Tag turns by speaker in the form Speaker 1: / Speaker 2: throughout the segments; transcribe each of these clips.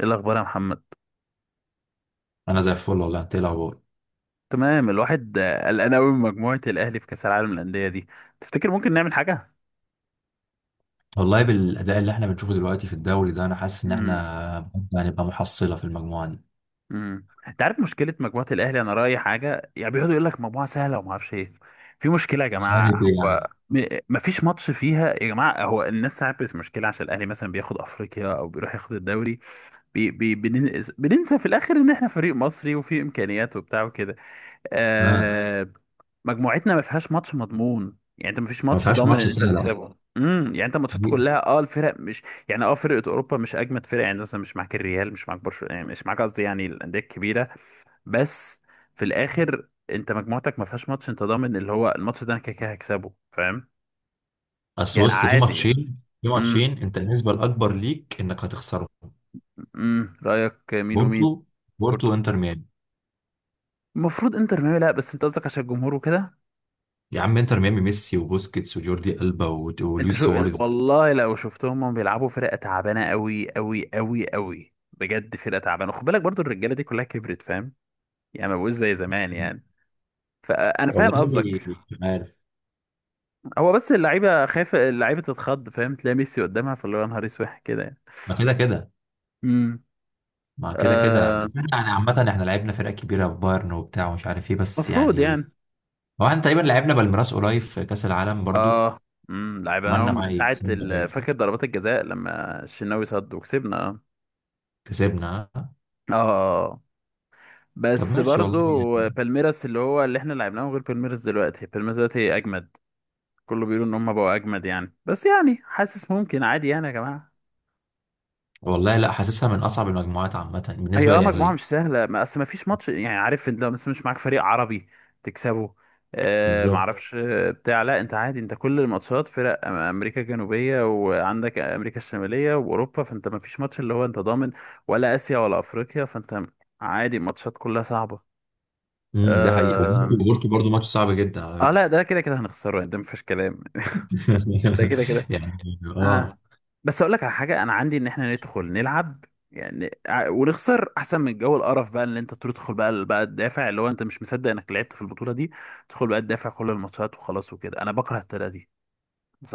Speaker 1: ايه الاخبار يا محمد؟
Speaker 2: انا زي الفل والله، انت إيه الاخبار؟
Speaker 1: تمام، الواحد قلقان قوي من مجموعه الاهلي في كاس العالم للانديه دي. تفتكر ممكن نعمل حاجه؟
Speaker 2: والله بالاداء اللي احنا بنشوفه دلوقتي في الدوري ده انا حاسس ان
Speaker 1: امم
Speaker 2: احنا بجد هنبقى محصله في المجموعه دي.
Speaker 1: انت عارف مشكله مجموعه الاهلي؟ انا رايي حاجه، يعني بيقعدوا يقول لك مجموعه سهله وما اعرفش ايه. في مشكله يا
Speaker 2: سهلة
Speaker 1: جماعه،
Speaker 2: ايه يعني؟
Speaker 1: هو ما فيش ماتش فيها يا جماعه، هو الناس تعرف، بس مشكله عشان الاهلي مثلا بياخد افريقيا او بيروح ياخد الدوري. بننسى في الاخر ان احنا فريق مصري وفي امكانيات وبتاع وكده.
Speaker 2: اه.
Speaker 1: آه. مجموعتنا ما فيهاش ماتش مضمون، يعني انت ما فيش
Speaker 2: ما
Speaker 1: ماتش
Speaker 2: فيهاش
Speaker 1: ضامن
Speaker 2: ماتش
Speaker 1: ان انت
Speaker 2: سهل اصلا.
Speaker 1: تكسبه، يعني انت ماتشات
Speaker 2: دقيقة.
Speaker 1: كلها، اه الفرق مش، يعني اه فرقه اوروبا مش اجمد فرقه، يعني مثلا مش معاك الريال، مش معاك برشلونه، يعني مش معاك قصدي يعني الانديه الكبيره، بس في الاخر انت مجموعتك ما فيهاش ماتش انت ضامن اللي هو الماتش ده انا كده كده هكسبه، فاهم؟
Speaker 2: بس
Speaker 1: يعني
Speaker 2: بص، في
Speaker 1: عادي.
Speaker 2: ماتشين في
Speaker 1: امم
Speaker 2: ماتشين انت النسبه الاكبر ليك انك هتخسره.
Speaker 1: رايك مين ومين؟
Speaker 2: بورتو. بورتو
Speaker 1: بورتو.
Speaker 2: وانتر ميامي.
Speaker 1: المفروض انتر ميامي، لا بس انت قصدك عشان الجمهور وكده.
Speaker 2: يا عم، انتر ميامي، ميسي وبوسكيتس وجوردي البا
Speaker 1: انت
Speaker 2: ولويس
Speaker 1: شو بس،
Speaker 2: سواريز.
Speaker 1: والله لو شفتهم هم بيلعبوا فرقه تعبانه قوي قوي قوي قوي بجد، فرقه تعبانه، خد بالك برضو الرجاله دي كلها كبرت، فاهم؟ يعني ما بقوش زي زمان يعني. فانا فاهم
Speaker 2: والله
Speaker 1: قصدك.
Speaker 2: مش عارف.
Speaker 1: هو بس اللعيبه خايفه، اللعيبه تتخض، فاهم؟ تلاقي ميسي قدامها فاللي هو يا نهار اسود كده يعني.
Speaker 2: ما كده كده،
Speaker 1: امم آه،
Speaker 2: بس احنا يعني عامة احنا لعبنا فرق كبيرة بايرن وبتاع ومش عارف ايه، بس
Speaker 1: المفروض
Speaker 2: يعني.
Speaker 1: يعني.
Speaker 2: هو احنا تقريبا لعبنا بالميراس قريب في كاس العالم برضو.
Speaker 1: اه. لعيبه انا
Speaker 2: عملنا
Speaker 1: هم
Speaker 2: معاه ايه،
Speaker 1: ساعه
Speaker 2: كسبنا باين.
Speaker 1: فاكر ضربات الجزاء لما الشناوي صد وكسبنا؟ اه.
Speaker 2: كسبنا آه.
Speaker 1: اه. آه.
Speaker 2: طب
Speaker 1: بس
Speaker 2: ماشي
Speaker 1: برضو
Speaker 2: والله يعني.
Speaker 1: بالميراس اللي هو اللي احنا لعبناه غير بالميراس دلوقتي، بالميراس دلوقتي اجمد، كله بيقولوا ان هم بقوا اجمد يعني، بس يعني حاسس ممكن عادي يعني يا جماعه.
Speaker 2: والله لا، حاسسها من اصعب المجموعات عامه
Speaker 1: هي اه،
Speaker 2: بالنسبه
Speaker 1: طيب مجموعه
Speaker 2: يعني.
Speaker 1: مش سهله، ما اصل ما فيش ماتش، يعني عارف انت لو مثلا مش معاك فريق عربي تكسبه. آه، ما بالظبط
Speaker 2: بالظبط.
Speaker 1: اعرفش، بتاع، لا انت عادي، انت كل الماتشات فرق امريكا الجنوبيه، وعندك امريكا الشماليه واوروبا، فانت ما فيش ماتش اللي هو انت ضامن، ولا اسيا ولا افريقيا، فانت عادي الماتشات كلها صعبه. ده
Speaker 2: ده حقيقي.
Speaker 1: حقيقي
Speaker 2: وبورتو،
Speaker 1: آه.
Speaker 2: برضو ماتش صعب جدا على
Speaker 1: اه
Speaker 2: فكره.
Speaker 1: لا ده كده كده هنخسره يعني، ده مفيش كلام. ده كده كده.
Speaker 2: يعني اه.
Speaker 1: اه بس اقول لك على حاجه، انا عندي ان احنا ندخل نلعب، يعني ونخسر احسن من جو القرف بقى، اللي انت تدخل بقى تدافع، اللي هو انت مش مصدق انك لعبت في البطوله دي، تدخل بقى تدافع كل الماتشات وخلاص وكده، انا بكره الطريقه دي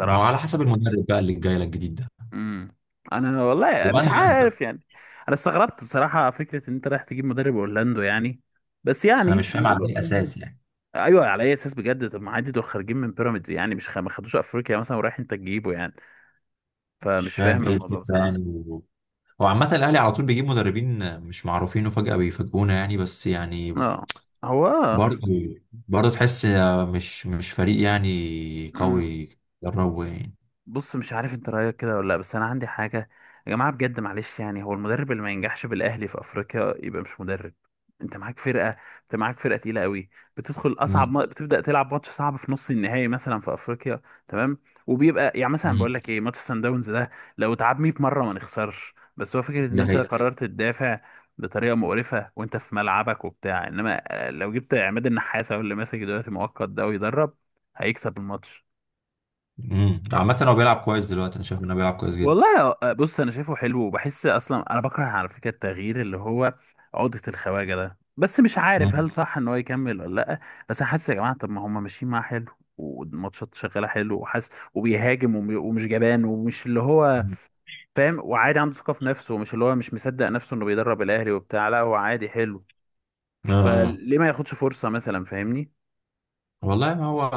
Speaker 2: ما هو على حسب المدرب بقى اللي جاي لك جديد ده.
Speaker 1: امم انا والله مش
Speaker 2: وانهي واحد بقى؟
Speaker 1: عارف يعني. انا استغربت بصراحه فكره ان انت رايح تجيب مدرب اورلاندو يعني، بس
Speaker 2: انا
Speaker 1: يعني
Speaker 2: مش فاهم على
Speaker 1: بيقولوا
Speaker 2: اي
Speaker 1: كده.
Speaker 2: اساس يعني.
Speaker 1: ايوه، على اي اساس بجد؟ طب ما عادي دول خارجين من بيراميدز يعني، مش خ... ما خدوش افريقيا مثلا، ورايح انت تجيبه يعني،
Speaker 2: مش
Speaker 1: فمش
Speaker 2: فاهم
Speaker 1: فاهم
Speaker 2: ايه
Speaker 1: الموضوع يعني
Speaker 2: الفكره يعني.
Speaker 1: بصراحه.
Speaker 2: هو عامة الأهلي على طول بيجيب مدربين مش معروفين وفجأة بيفاجئونا يعني، بس يعني.
Speaker 1: اه، هو آه.
Speaker 2: برضه برضه تحس. مش فريق يعني
Speaker 1: مم.
Speaker 2: قوي. دربه يعني.
Speaker 1: بص مش عارف انت رايك كده ولا لا، بس انا عندي حاجه يا جماعه بجد، معلش يعني، هو المدرب اللي ما ينجحش بالاهلي في افريقيا يبقى مش مدرب. انت معاك فرقه، انت معاك فرقه تقيله قوي، بتدخل اصعب
Speaker 2: مم.
Speaker 1: ما... بتبدا تلعب ماتش صعب في نص النهائي مثلا في افريقيا، تمام؟ وبيبقى يعني مثلا
Speaker 2: مم.
Speaker 1: بقول لك ايه، ماتش سان داونز ده لو اتعاد 100 مره ما نخسرش، بس هو فكره ان
Speaker 2: ده
Speaker 1: انت ده
Speaker 2: حقيقي.
Speaker 1: حقيقي قررت تدافع بطريقه مقرفه وانت في ملعبك وبتاع، انما آه، لو جبت عماد النحاس هو اللي ماسك دلوقتي مؤقت ده ويدرب هيكسب الماتش.
Speaker 2: مم. عامة هو بيلعب كويس دلوقتي، أنا شايف إنه بيلعب كويس جدا.
Speaker 1: والله آه، بص انا شايفه حلو، وبحس اصلا انا بكره على فكره التغيير اللي هو عقدة الخواجه ده، بس مش عارف
Speaker 2: مم.
Speaker 1: هل صح ان هو يكمل ولا لا. بس انا حاسس يا جماعه، طب ما هم ماشيين معاه حلو والماتشات شغاله حلو، وحاسس وبيهاجم ومش جبان ومش اللي هو،
Speaker 2: مم.
Speaker 1: فاهم؟ وعادي عنده ثقه في نفسه، ومش اللي هو مش مصدق نفسه انه بيدرب الاهلي وبتاع، لا هو عادي حلو اه،
Speaker 2: آه. آه.
Speaker 1: فليه ما ياخدش فرصه مثلا، فاهمني؟
Speaker 2: والله ما هو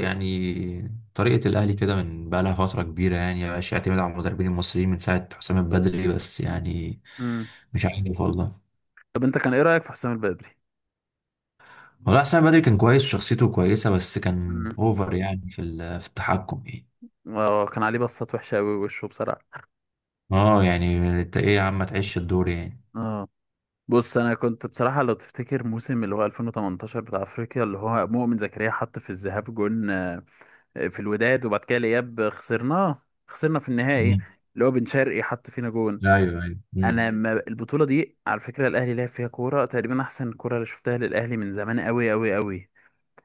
Speaker 2: يعني. طريقة الأهلي كده من بقى لها فترة كبيرة يعني، مبقاش يعتمد على المدربين المصريين من ساعة حسام البدري، بس يعني.
Speaker 1: امم
Speaker 2: مش عارف والله.
Speaker 1: طب انت كان ايه رايك في حسام البدري؟
Speaker 2: والله حسام البدري كان كويس وشخصيته كويسة، بس كان
Speaker 1: امم
Speaker 2: أوفر يعني في التحكم يعني.
Speaker 1: اه، كان عليه بصات وحشه قوي وشه بصراحه.
Speaker 2: اه يعني انت ايه يا عم؟ ما تعيش الدور يعني.
Speaker 1: اه بص، انا كنت بصراحه لو تفتكر موسم اللي هو 2018 بتاع افريقيا، اللي هو مؤمن زكريا حط في الذهاب جون في الوداد، وبعد كده الاياب خسرناه، خسرنا في النهائي،
Speaker 2: مم.
Speaker 1: اللي هو بن شرقي حط فينا جون.
Speaker 2: ايوه، ايوه،
Speaker 1: انا
Speaker 2: امم.
Speaker 1: ما البطوله دي على فكره الاهلي لعب فيها كوره تقريبا احسن كوره اللي شفتها للاهلي من زمان قوي قوي قوي،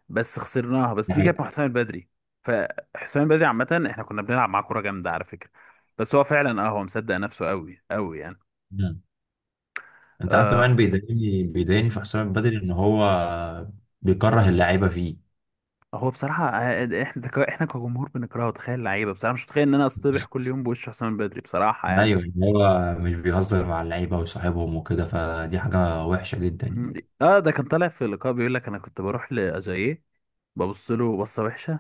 Speaker 1: بس خسرناها، بس
Speaker 2: دي
Speaker 1: دي
Speaker 2: حقيقة.
Speaker 1: كانت مع حسام البدري. فحسام البدري عامه احنا كنا بنلعب معاه كوره جامده على فكره، بس هو فعلا اه، هو مصدق نفسه قوي قوي يعني.
Speaker 2: مم. انت عارف
Speaker 1: آه.
Speaker 2: كمان، بيضايقني في حسام البدري ان هو بيكره اللعيبه فيه.
Speaker 1: هو بصراحة آه، احنا احنا كجمهور بنكرهه تخيل لعيبة، بصراحة مش متخيل ان انا اصطبح كل يوم بوش حسام البدري، بصراحة يعني.
Speaker 2: ايوه، ان هو مش بيهزر مع اللعيبه وصاحبهم وكده، فدي حاجه وحشه جدا
Speaker 1: م-
Speaker 2: يعني.
Speaker 1: اه ده كان طالع في لقاء بيقول لك انا كنت بروح لأجاييه، ببص له بصة وحشة،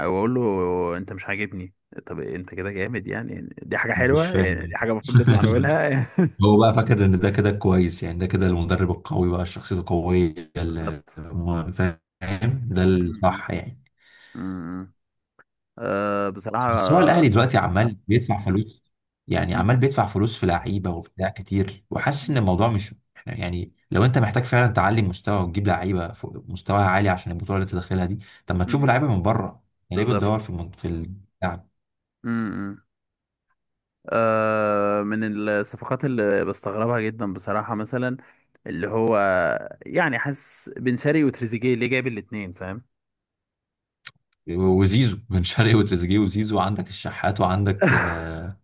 Speaker 1: واقول له انت مش عاجبني. طب انت كده جامد يعني؟ دي حاجة
Speaker 2: مش
Speaker 1: حلوة يعني؟
Speaker 2: فاهم.
Speaker 1: دي حاجة المفروض نطلع نقولها.
Speaker 2: هو بقى فاكر ان ده كده كويس يعني، ده كده المدرب القوي بقى شخصيته قويه،
Speaker 1: بالظبط.
Speaker 2: فاهم ده
Speaker 1: م-
Speaker 2: الصح يعني.
Speaker 1: م- آه بصراحة.
Speaker 2: بس هو
Speaker 1: آه،
Speaker 2: الاهلي دلوقتي عمال بيدفع فلوس. يعني عمال
Speaker 1: م-
Speaker 2: بيدفع فلوس في لعيبه وبتاع كتير، وحاسس ان الموضوع مش احنا، يعني لو انت محتاج فعلا تعلي مستوى وتجيب لعيبه مستواها عالي عشان البطوله اللي انت داخلها دي. طب ما تشوفوا
Speaker 1: م-
Speaker 2: لعيبه من بره. يعني ليه
Speaker 1: بالظبط.
Speaker 2: بتدور في اللاعب؟
Speaker 1: م- آه، من الصفقات اللي بستغربها جدا بصراحة مثلا اللي هو، يعني حاسس بن شرقي وتريزيجيه اللي جايب الاتنين، فاهم؟
Speaker 2: وزيزو. بن شرقي وتريزيجيه وزيزو، عندك الشحات. وعندك.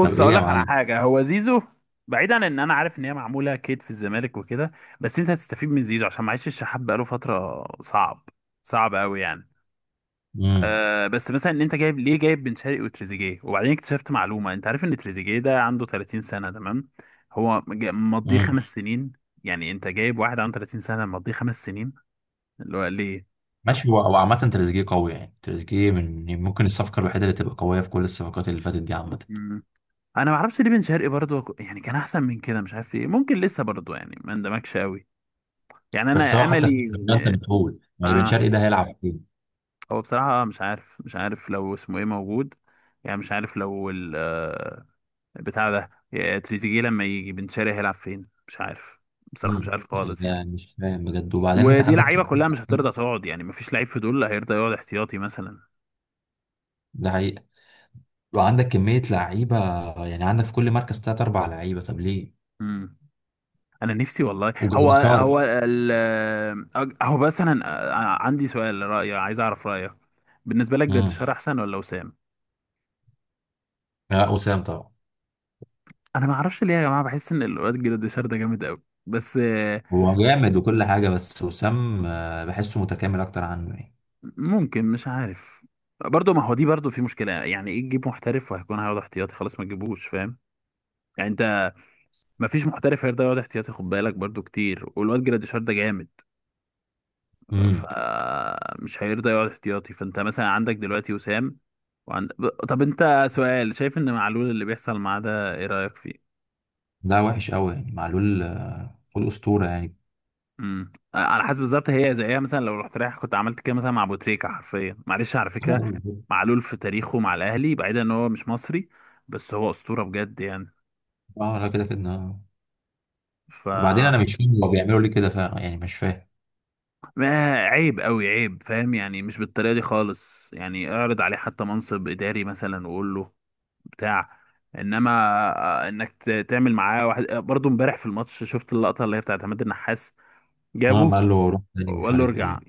Speaker 2: طب ايه
Speaker 1: هقول
Speaker 2: يا
Speaker 1: لك على
Speaker 2: معلم؟
Speaker 1: حاجة، هو زيزو بعيدا عن ان انا عارف ان هي معمولة كيد في الزمالك وكده، بس انت هتستفيد من زيزو عشان معيش الشحات بقاله فترة صعب، صعب قوي يعني.
Speaker 2: امم.
Speaker 1: آه، بس مثلا ان انت جايب ليه جايب بن شرقي وتريزيجيه؟ وبعدين اكتشفت معلومه، انت عارف ان تريزيجيه ده عنده 30 سنه؟ تمام، هو مضيه
Speaker 2: امم.
Speaker 1: 5 سنين، يعني انت جايب واحد عنده 30 سنه مضيه 5 سنين، اللي هو ليه؟
Speaker 2: ماشي، هو عامه تريزيجيه قوي يعني. تريزيجيه من يعني ممكن الصفقه الوحيده اللي تبقى قويه في كل الصفقات اللي فاتت دي عامه.
Speaker 1: مم. انا ما اعرفش ليه بن شرقي برضه، يعني كان احسن من كده مش عارف ايه، ممكن لسه برضه يعني ما اندمجش قوي يعني، انا
Speaker 2: بس
Speaker 1: صح
Speaker 2: هو حتى في
Speaker 1: املي.
Speaker 2: الشغل انت مجهول، يعني بن
Speaker 1: اه،
Speaker 2: شرقي ده هيلعب فين؟
Speaker 1: هو بصراحه مش عارف، مش عارف لو اسمه ايه موجود، يعني مش عارف لو بتاع ده، يا تريزيجيه لما يجي بن شرقي هيلعب فين مش عارف، بصراحة مش
Speaker 2: مم.
Speaker 1: عارف
Speaker 2: يعني
Speaker 1: خالص
Speaker 2: ده
Speaker 1: يعني.
Speaker 2: مش فاهم بجد، وبعدين انت
Speaker 1: ودي
Speaker 2: عندك
Speaker 1: لعيبة
Speaker 2: كمية
Speaker 1: كلها مش
Speaker 2: لعيبة.
Speaker 1: هترضى تقعد، يعني مفيش لعيب في دول هيرضى يقعد احتياطي مثلا.
Speaker 2: ده حقيقة. وعندك كمية لعيبة، يعني عندك في كل مركز تلات أربع لعيبة، طب ليه؟
Speaker 1: امم انا نفسي والله، هو
Speaker 2: وجراديشار.
Speaker 1: هو ال أج- هو بس انا أنا عندي سؤال رأي عايز اعرف رأيك، بالنسبة لك
Speaker 2: امم.
Speaker 1: جراديشار احسن ولا وسام؟
Speaker 2: لا، وسام طبعا.
Speaker 1: انا ما اعرفش ليه يا جماعة بحس ان الواد جراديشار ده جامد قوي بس
Speaker 2: هو جامد وكل حاجة، بس وسام بحسه متكامل أكتر عنه يعني.
Speaker 1: ممكن مش عارف. برضه، ما هو دي برضه في مشكلة يعني، ايه تجيب محترف وهيكون هيقعد احتياطي؟ خلاص ما تجيبوش، فاهم يعني انت؟ مفيش محترف هيرضى يقعد احتياطي، خد بالك برضو كتير، والواد جراديشار ده جامد
Speaker 2: امم.
Speaker 1: فمش هيرضى يقعد احتياطي، فانت مثلا عندك دلوقتي وسام. وعند... طب انت سؤال، شايف ان معلول اللي بيحصل معاه ده ايه رأيك فيه؟
Speaker 2: ده وحش قوي يعني، معلول
Speaker 1: مم.
Speaker 2: آه، معلول أسطورة يعني.
Speaker 1: على حسب، بالظبط هي زيها مثلا لو رحت رايح كنت عملت كده مثلا مع ابو تريكة حرفيا، معلش على فكرة.
Speaker 2: اه
Speaker 1: معلول في تاريخه مع الاهلي بعيدا ان هو مش مصري، بس هو اسطورة بجد يعني.
Speaker 2: آه، لا كده كده آه.
Speaker 1: ف،
Speaker 2: وبعدين أنا مش فاهم، هو بيعملوا ليه كده فعلا يعني؟ مش فاهم.
Speaker 1: ما عيب قوي عيب، فاهم يعني؟ مش بالطريقه دي خالص يعني، اعرض عليه حتى منصب اداري مثلا وقول له بتاع، انما آه، تعمل معاه واحد. برضه امبارح في الماتش شفت اللقطه اللي هي بتاعت عماد النحاس،
Speaker 2: اه،
Speaker 1: جابه
Speaker 2: قال له روح تاني مش
Speaker 1: وقال له
Speaker 2: عارف ايه.
Speaker 1: ارجع،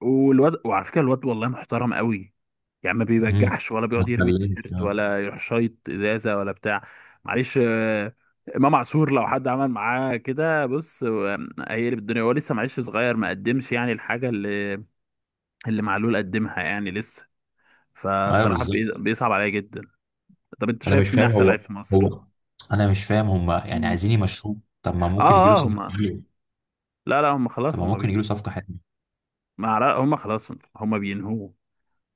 Speaker 1: والواد، وعلى فكره الواد والله محترم قوي، يعني ما
Speaker 2: مم.
Speaker 1: بيبجعش ولا
Speaker 2: ما
Speaker 1: بيقعد يرمي
Speaker 2: اتكلمش،
Speaker 1: التيشيرت
Speaker 2: اه.
Speaker 1: ولا يروح شايط ازازه ولا بتاع. معلش امام عاشور لو حد عمل معاه كده، بص آه، هيقلب الدنيا، هو لسه معلش صغير ما قدمش يعني الحاجه اللي اللي معلول قدمها يعني لسه.
Speaker 2: ايوه
Speaker 1: فبصراحة
Speaker 2: بالظبط.
Speaker 1: بيصعب عليا جدا. طب انت
Speaker 2: انا مش
Speaker 1: شايف مين
Speaker 2: فاهم
Speaker 1: احسن
Speaker 2: هو
Speaker 1: لعيب في مصر؟
Speaker 2: هو انا مش فاهم هم يعني
Speaker 1: مم.
Speaker 2: عايزين يمشوه. طب ما
Speaker 1: اه
Speaker 2: ممكن يجي له
Speaker 1: اه
Speaker 2: صفقه
Speaker 1: هما،
Speaker 2: حلوه.
Speaker 1: لا لا هما
Speaker 2: طب
Speaker 1: خلاص،
Speaker 2: ما
Speaker 1: هما
Speaker 2: ممكن
Speaker 1: بي...
Speaker 2: يجي له صفقه حلوه.
Speaker 1: ما عر- هما خلاص هما بينهوه،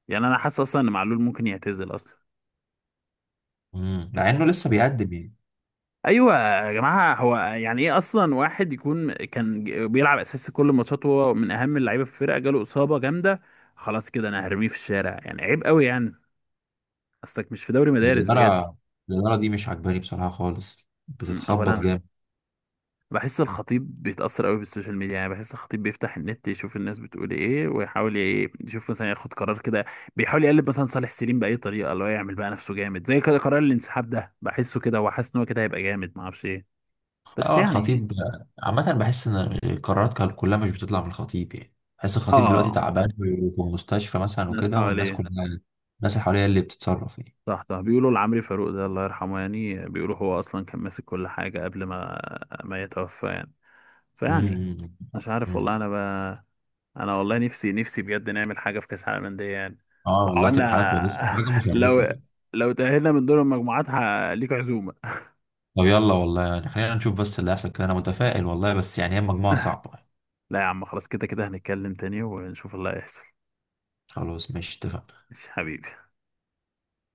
Speaker 1: يعني انا حاسس اصلا ان معلول ممكن يعتزل اصلا.
Speaker 2: مع انه لسه بيقدم يعني.
Speaker 1: ايوه يا جماعه، هو يعني ايه اصلا واحد يكون كان بيلعب اساسي كل الماتشات وهو من اهم اللعيبه في الفرقه، جاله اصابه جامده خلاص كده انا هرميه في الشارع؟ يعني عيب قوي يعني، اصلك مش في دوري مدارس بجد.
Speaker 2: الاداره، دي مش عجباني بصراحه خالص،
Speaker 1: م،
Speaker 2: بتتخبط
Speaker 1: اولا
Speaker 2: جامد.
Speaker 1: بحس الخطيب بيتأثر قوي بالسوشيال ميديا، يعني بحس الخطيب بيفتح النت يشوف الناس بتقول ايه، ويحاول ايه يشوف مثلا ياخد قرار كده، بيحاول يقلب مثلا صالح سليم بأي طريقة اللي هو يعمل بقى نفسه جامد، زي كده قرار الانسحاب ده بحسه كده هو حاسس ان هو كده هيبقى جامد ما اعرفش ايه، بس
Speaker 2: اه
Speaker 1: يعني
Speaker 2: الخطيب. عامه بحس ان القرارات كلها مش بتطلع من الخطيب، يعني بحس الخطيب دلوقتي
Speaker 1: اه.
Speaker 2: تعبان وفي المستشفى مثلا
Speaker 1: الناس
Speaker 2: وكده، والناس
Speaker 1: حواليه.
Speaker 2: كلها، الناس اللي حواليه اللي بتتصرف يعني.
Speaker 1: صح صح، بيقولوا لعمرو فاروق ده الله يرحمه يعني، بيقولوا هو اصلا كان ماسك كل حاجة قبل ما ما يتوفى يعني، فيعني مش عارف والله
Speaker 2: امم.
Speaker 1: انا بقى. انا والله نفسي، نفسي بجد نعمل حاجه في كاس العالم للانديه يعني.
Speaker 2: اه
Speaker 1: لو
Speaker 2: والله تبقى حاجه كويسه،
Speaker 1: عملنا،
Speaker 2: حاجه
Speaker 1: لو،
Speaker 2: مشرفه.
Speaker 1: لو تاهلنا من دور المجموعات ليك عزومه.
Speaker 2: طب يلا والله يعني، خلينا نشوف بس اللي هيحصل كده. انا متفائل والله، بس يعني هي مجموعه صعبه يعني.
Speaker 1: لا يا عم خلاص، كده كده هنتكلم تاني ونشوف اللي هيحصل.
Speaker 2: خلاص ماشي، اتفقنا.
Speaker 1: ماشي حبيبي.